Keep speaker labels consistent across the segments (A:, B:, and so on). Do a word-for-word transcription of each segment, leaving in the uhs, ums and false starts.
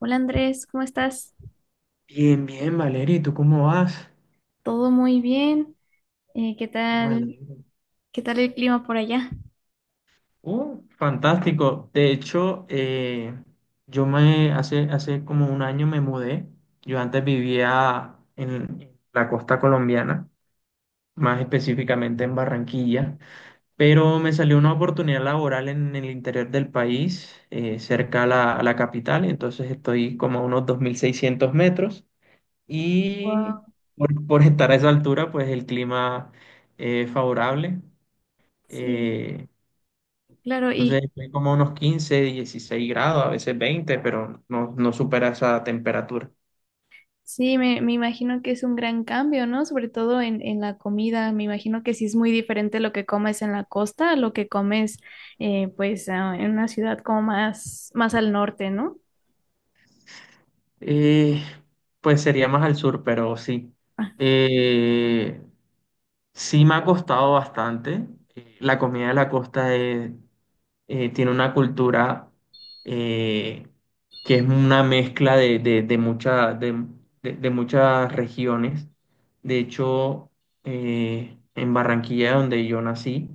A: Hola Andrés, ¿cómo estás?
B: Bien, bien, Valeria, ¿y tú cómo vas?
A: Todo muy bien. Eh, ¿qué
B: Me
A: tal?
B: alegro.
A: ¿Qué tal el clima por allá?
B: Uh, fantástico. De hecho, eh, yo me hace, hace como un año me mudé. Yo antes vivía en la costa colombiana, más específicamente en Barranquilla, pero me salió una oportunidad laboral en, el interior del país, eh, cerca a la, a la capital, entonces estoy como a unos dos mil seiscientos metros y
A: Wow.
B: por, por estar a esa altura, pues el clima es favorable.
A: Sí,
B: Eh,
A: claro, y
B: entonces estoy como a unos quince, dieciséis grados, a veces veinte, pero no, no supera esa temperatura.
A: sí, me, me imagino que es un gran cambio, ¿no? Sobre todo en, en la comida. Me imagino que sí es muy diferente lo que comes en la costa a lo que comes, eh, pues, ah, en una ciudad como más, más al norte, ¿no?
B: Eh, pues sería más al sur, pero sí.
A: Ah,
B: Eh, sí me ha costado bastante. Eh, La comida de la costa es- eh, tiene una cultura eh, que es una mezcla de, de, de, mucha- de- de- de muchas regiones. De hecho, eh, en Barranquilla, donde yo nací,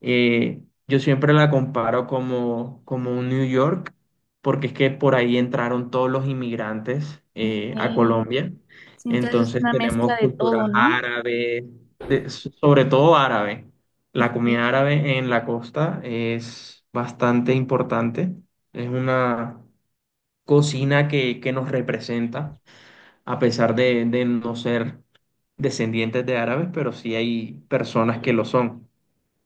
B: Eh, yo siempre la comparo como, como un New York, porque es que por ahí entraron todos los inmigrantes
A: ok.
B: eh, a Colombia.
A: Sí, entonces es
B: Entonces
A: una mezcla
B: tenemos
A: de
B: culturas
A: todo, ¿no?
B: árabes, de- so, sobre todo árabe. La
A: Ok.
B: comida árabe en la costa es bastante importante. Es una cocina que, que nos representa, a pesar de, de no ser descendientes de árabes, pero sí hay personas que lo son.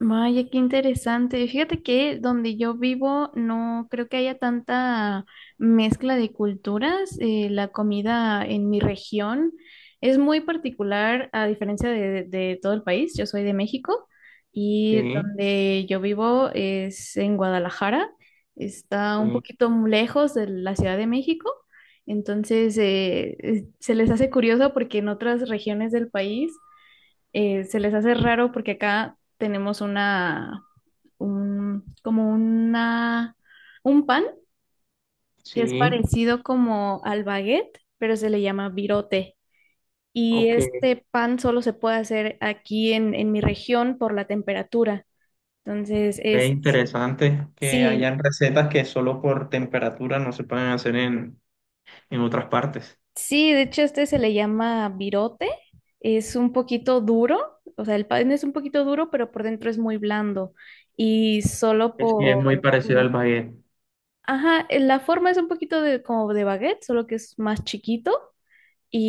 A: Vaya, qué interesante. Fíjate que donde yo vivo no creo que haya tanta mezcla de culturas. Eh, la comida en mi región es muy particular a diferencia de, de todo el país. Yo soy de México y
B: Sí.
A: donde yo vivo es en Guadalajara. Está un poquito lejos de la Ciudad de México. Entonces, eh, eh, se les hace curioso porque en otras regiones del país eh, se les hace raro porque acá tenemos una, un, como una, un pan que es
B: Sí,
A: parecido como al baguette, pero se le llama virote. Y
B: ok.
A: este pan solo se puede hacer aquí en, en mi región por la temperatura. Entonces
B: Es
A: es,
B: interesante que
A: sí,
B: hayan recetas que solo por temperatura no se pueden hacer en, en otras partes.
A: sí, de hecho este se le llama virote. Es un poquito duro, o sea, el pan es un poquito duro, pero por dentro es muy blando. Y solo
B: Sí, es
A: por,
B: muy parecido al baguette.
A: Ajá, eh, la forma es un poquito de, como de baguette, solo que es más chiquito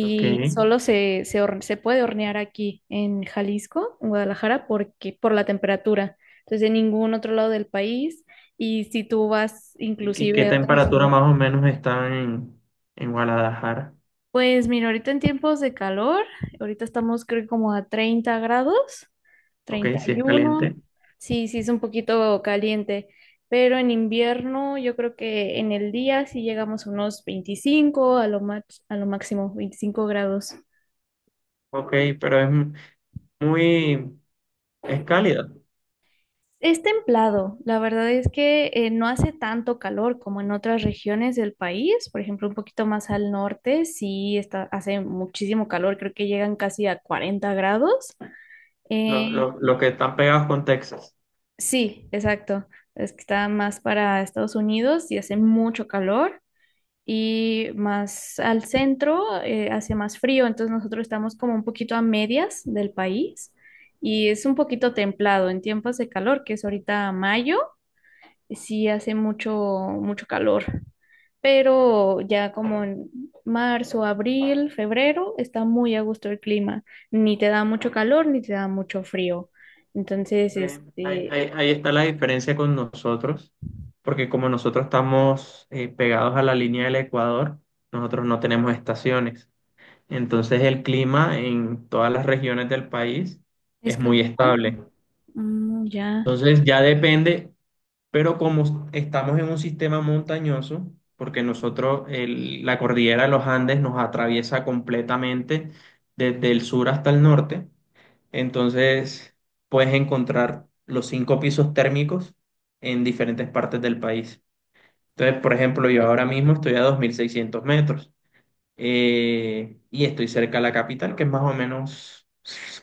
B: Ok.
A: solo se, se, horne- se puede hornear aquí en Jalisco, en Guadalajara, porque, por la temperatura. Entonces, en ningún otro lado del país. Y si tú vas
B: ¿Y qué, qué
A: inclusive a otra
B: temperatura
A: ciudad.
B: más o menos está en, en Guadalajara?
A: Pues mira, ahorita en tiempos de calor, ahorita estamos creo que como a treinta grados,
B: Ok,
A: treinta
B: sí
A: y
B: es
A: uno,
B: caliente.
A: sí, sí es un poquito caliente, pero en invierno yo creo que en el día sí llegamos a unos veinticinco a lo max- a lo máximo veinticinco grados.
B: Ok, pero es muy, es cálida.
A: Es templado, la verdad es que eh, no hace tanto calor como en otras regiones del país, por ejemplo, un poquito más al norte, sí está, hace muchísimo calor, creo que llegan casi a cuarenta grados.
B: Los,
A: Eh,
B: los, los que están pegados con Texas.
A: Sí, exacto. Es que está más para Estados Unidos y hace mucho calor y más al centro eh, hace más frío. Entonces nosotros estamos como un poquito a medias del país y es un poquito templado en tiempos de calor, que es ahorita mayo, sí hace mucho, mucho calor. Pero ya como en marzo, abril, febrero, está muy a gusto el clima. Ni te da mucho calor ni te da mucho frío. Entonces,
B: Ve, Ahí,
A: este...
B: ahí- ahí está la diferencia con nosotros, porque como nosotros estamos eh, pegados a la línea del Ecuador, nosotros no tenemos estaciones. Entonces el clima en todas las regiones del país
A: Es
B: es
A: casi
B: muy
A: igual.
B: estable.
A: Mm, ya.
B: Entonces ya depende, pero como estamos en un sistema montañoso, porque nosotros el- la cordillera de los Andes nos atraviesa completamente desde el sur hasta el norte, entonces puedes encontrar los cinco pisos térmicos en diferentes partes del país. Entonces, por ejemplo, yo ahora mismo estoy a dos mil seiscientos metros eh, y estoy cerca de la capital, que es más o menos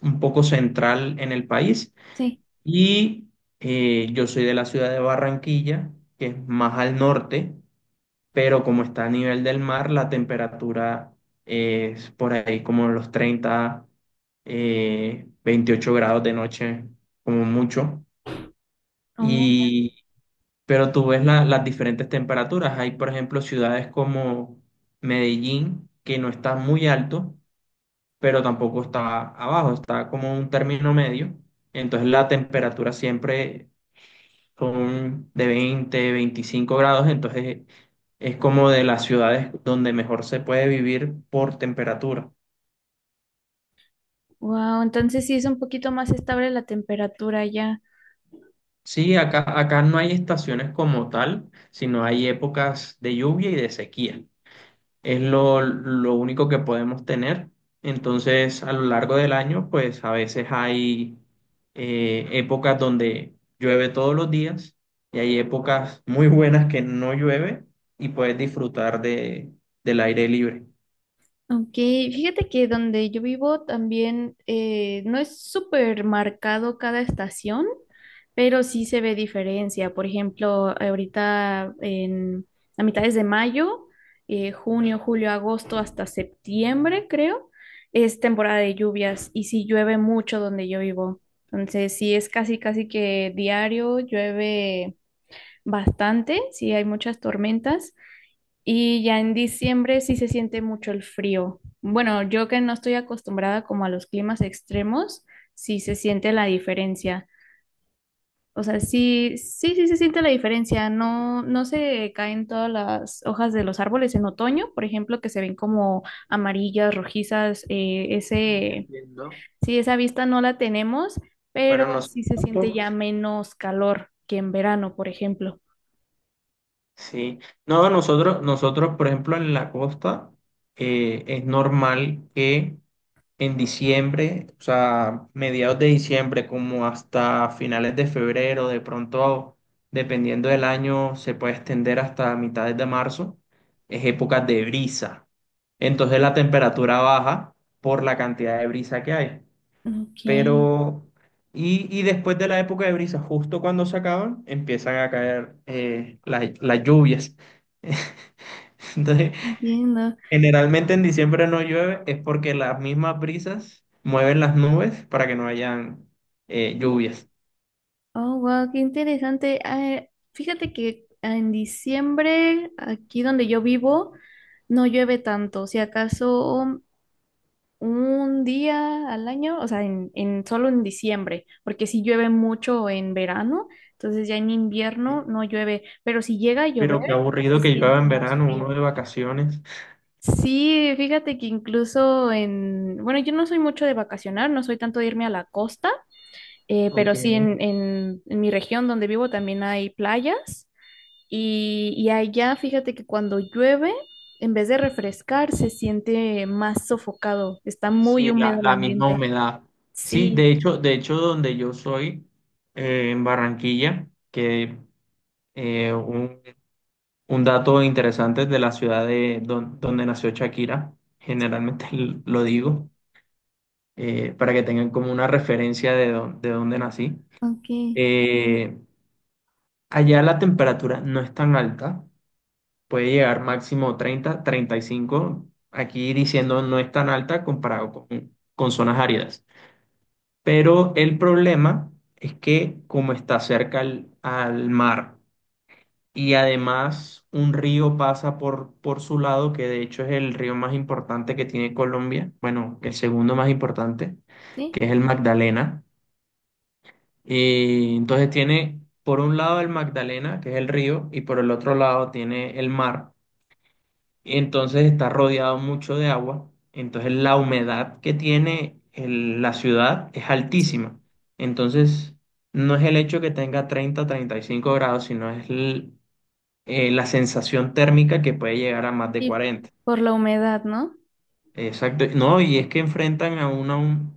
B: un poco central en el país.
A: Sí.
B: Y eh, yo soy de la ciudad de Barranquilla, que es más al norte, pero como está a nivel del mar, la temperatura es por ahí como los treinta eh, veintiocho grados de noche, como mucho. Y, pero tú ves la- las diferentes temperaturas. Hay, por ejemplo, ciudades como Medellín, que no está muy alto, pero tampoco está abajo, está como un término medio. Entonces la temperatura siempre son de veinte veinticinco grados, entonces es como de las ciudades donde mejor se puede vivir por temperatura.
A: Wow. Entonces sí es un poquito más estable la temperatura ya.
B: Sí, acá, acá no hay estaciones como tal, sino hay épocas de lluvia y de sequía. Es lo, lo único que podemos tener. Entonces, a lo largo del año, pues a veces hay eh, épocas donde llueve todos los días y hay épocas muy buenas que no llueve y puedes disfrutar de, del aire libre.
A: Ok, fíjate que donde yo vivo también eh, no es súper marcado cada estación, pero sí se ve diferencia. Por ejemplo, ahorita en a mitades de mayo, eh, junio, julio, agosto hasta septiembre, creo, es temporada de lluvias y sí llueve mucho donde yo vivo. Entonces, sí es casi, casi que diario llueve. Bastante, sí hay muchas tormentas y ya en diciembre sí se siente mucho el frío. Bueno, yo que no estoy acostumbrada como a los climas extremos, sí se siente la diferencia. O sea, sí, sí, sí se siente la diferencia. No, no se caen todas las hojas de los árboles en otoño, por ejemplo, que se ven como amarillas, rojizas. Eh,
B: No
A: ese,
B: entiendo.
A: sí, esa vista no la tenemos, pero
B: Bueno,
A: sí
B: nosotros
A: se siente
B: tampoco.
A: ya menos calor que en verano, por ejemplo.
B: Sí. No, nosotros, nosotros, por ejemplo, en la costa, eh, es normal que en diciembre, o sea, mediados de diciembre, como hasta finales de febrero, de pronto, dependiendo del año, se puede extender hasta mitades de marzo, es época de brisa. Entonces la temperatura baja por la cantidad de brisa que hay.
A: Ok.
B: Pero, y, y después de la época de brisa, justo cuando se acaban, empiezan a caer eh, la- las lluvias. Entonces,
A: Entiendo.
B: generalmente en diciembre no llueve, es porque las mismas brisas mueven las nubes para que no hayan eh, lluvias.
A: Oh, wow, qué interesante. Ah, fíjate que en diciembre, aquí donde yo vivo, no llueve tanto. Si acaso un día al año, o sea, en, en solo en diciembre, porque si llueve mucho en verano, entonces ya en invierno no llueve. Pero si llega a llover,
B: Pero qué
A: se
B: aburrido que llueva
A: siente
B: en
A: más
B: verano, uno
A: frío.
B: de vacaciones.
A: Sí, fíjate que incluso en, bueno, yo no soy mucho de vacacionar, no soy tanto de irme a la costa. Eh,
B: Ok.
A: pero sí, en, en- en mi región donde vivo también hay playas y, y allá fíjate que cuando llueve, en vez de refrescar, se siente más sofocado, está muy
B: Sí,
A: húmedo
B: la,
A: el
B: la misma
A: ambiente.
B: humedad. Sí,
A: Sí,
B: de hecho, de hecho, donde yo soy, eh, en Barranquilla, que eh, un- un dato interesante de la ciudad de don- donde nació Shakira, generalmente lo digo, eh, para que tengan como una referencia de, dó- de dónde nací.
A: ok, sí,
B: Eh, Allá la temperatura no es tan alta, puede llegar máximo treinta, treinta y cinco, aquí diciendo no es tan alta comparado con, con zonas áridas. Pero el problema es que como está cerca al al mar, y además un río pasa por, por su lado, que de hecho es el río más importante que tiene Colombia, bueno, el segundo más importante,
A: Ok,
B: que es el Magdalena. Y entonces tiene por un lado el Magdalena, que es el río, y por el otro lado tiene el mar. Entonces está rodeado mucho de agua. Entonces la humedad que tiene el- la ciudad es
A: Sí,
B: altísima. Entonces no es el hecho que tenga treinta treinta y cinco grados, sino es el eh, la sensación térmica que puede llegar a más de
A: sí,
B: cuarenta.
A: por la humedad, ¿no?
B: Exacto. No, y es que enfrentan a una, hum-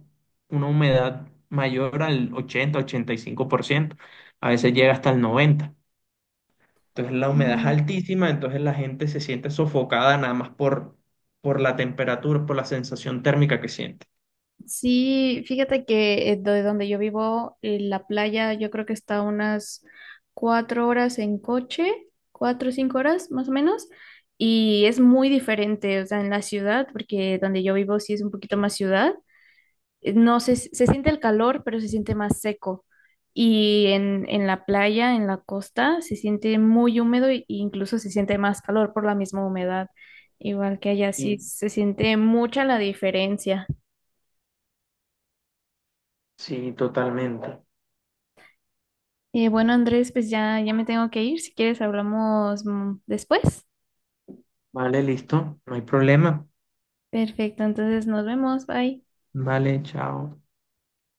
B: una humedad mayor al ochenta ochenta y cinco por ciento. A veces llega hasta el noventa por ciento. Entonces la humedad es
A: Mm,
B: altísima, entonces la gente se siente sofocada nada más por, por la temperatura, por la sensación térmica que siente.
A: sí, fíjate que eh, de donde yo vivo, eh, la playa yo creo que está a unas cuatro horas en coche, cuatro o cinco horas más o menos, y es muy diferente, o sea, en la ciudad, porque donde yo vivo sí es un poquito más ciudad, eh, no se, se siente el calor, pero se siente más seco, y en, en la playa, en la costa, se siente muy húmedo e incluso se siente más calor por la misma humedad, igual que allá sí
B: Sí,
A: se siente mucha la diferencia.
B: sí, totalmente.
A: Eh, bueno, Andrés, pues ya, ya me tengo que ir. Si quieres, hablamos mm, después.
B: Vale, listo. No hay problema.
A: Perfecto, entonces nos vemos. Bye.
B: Vale, chao.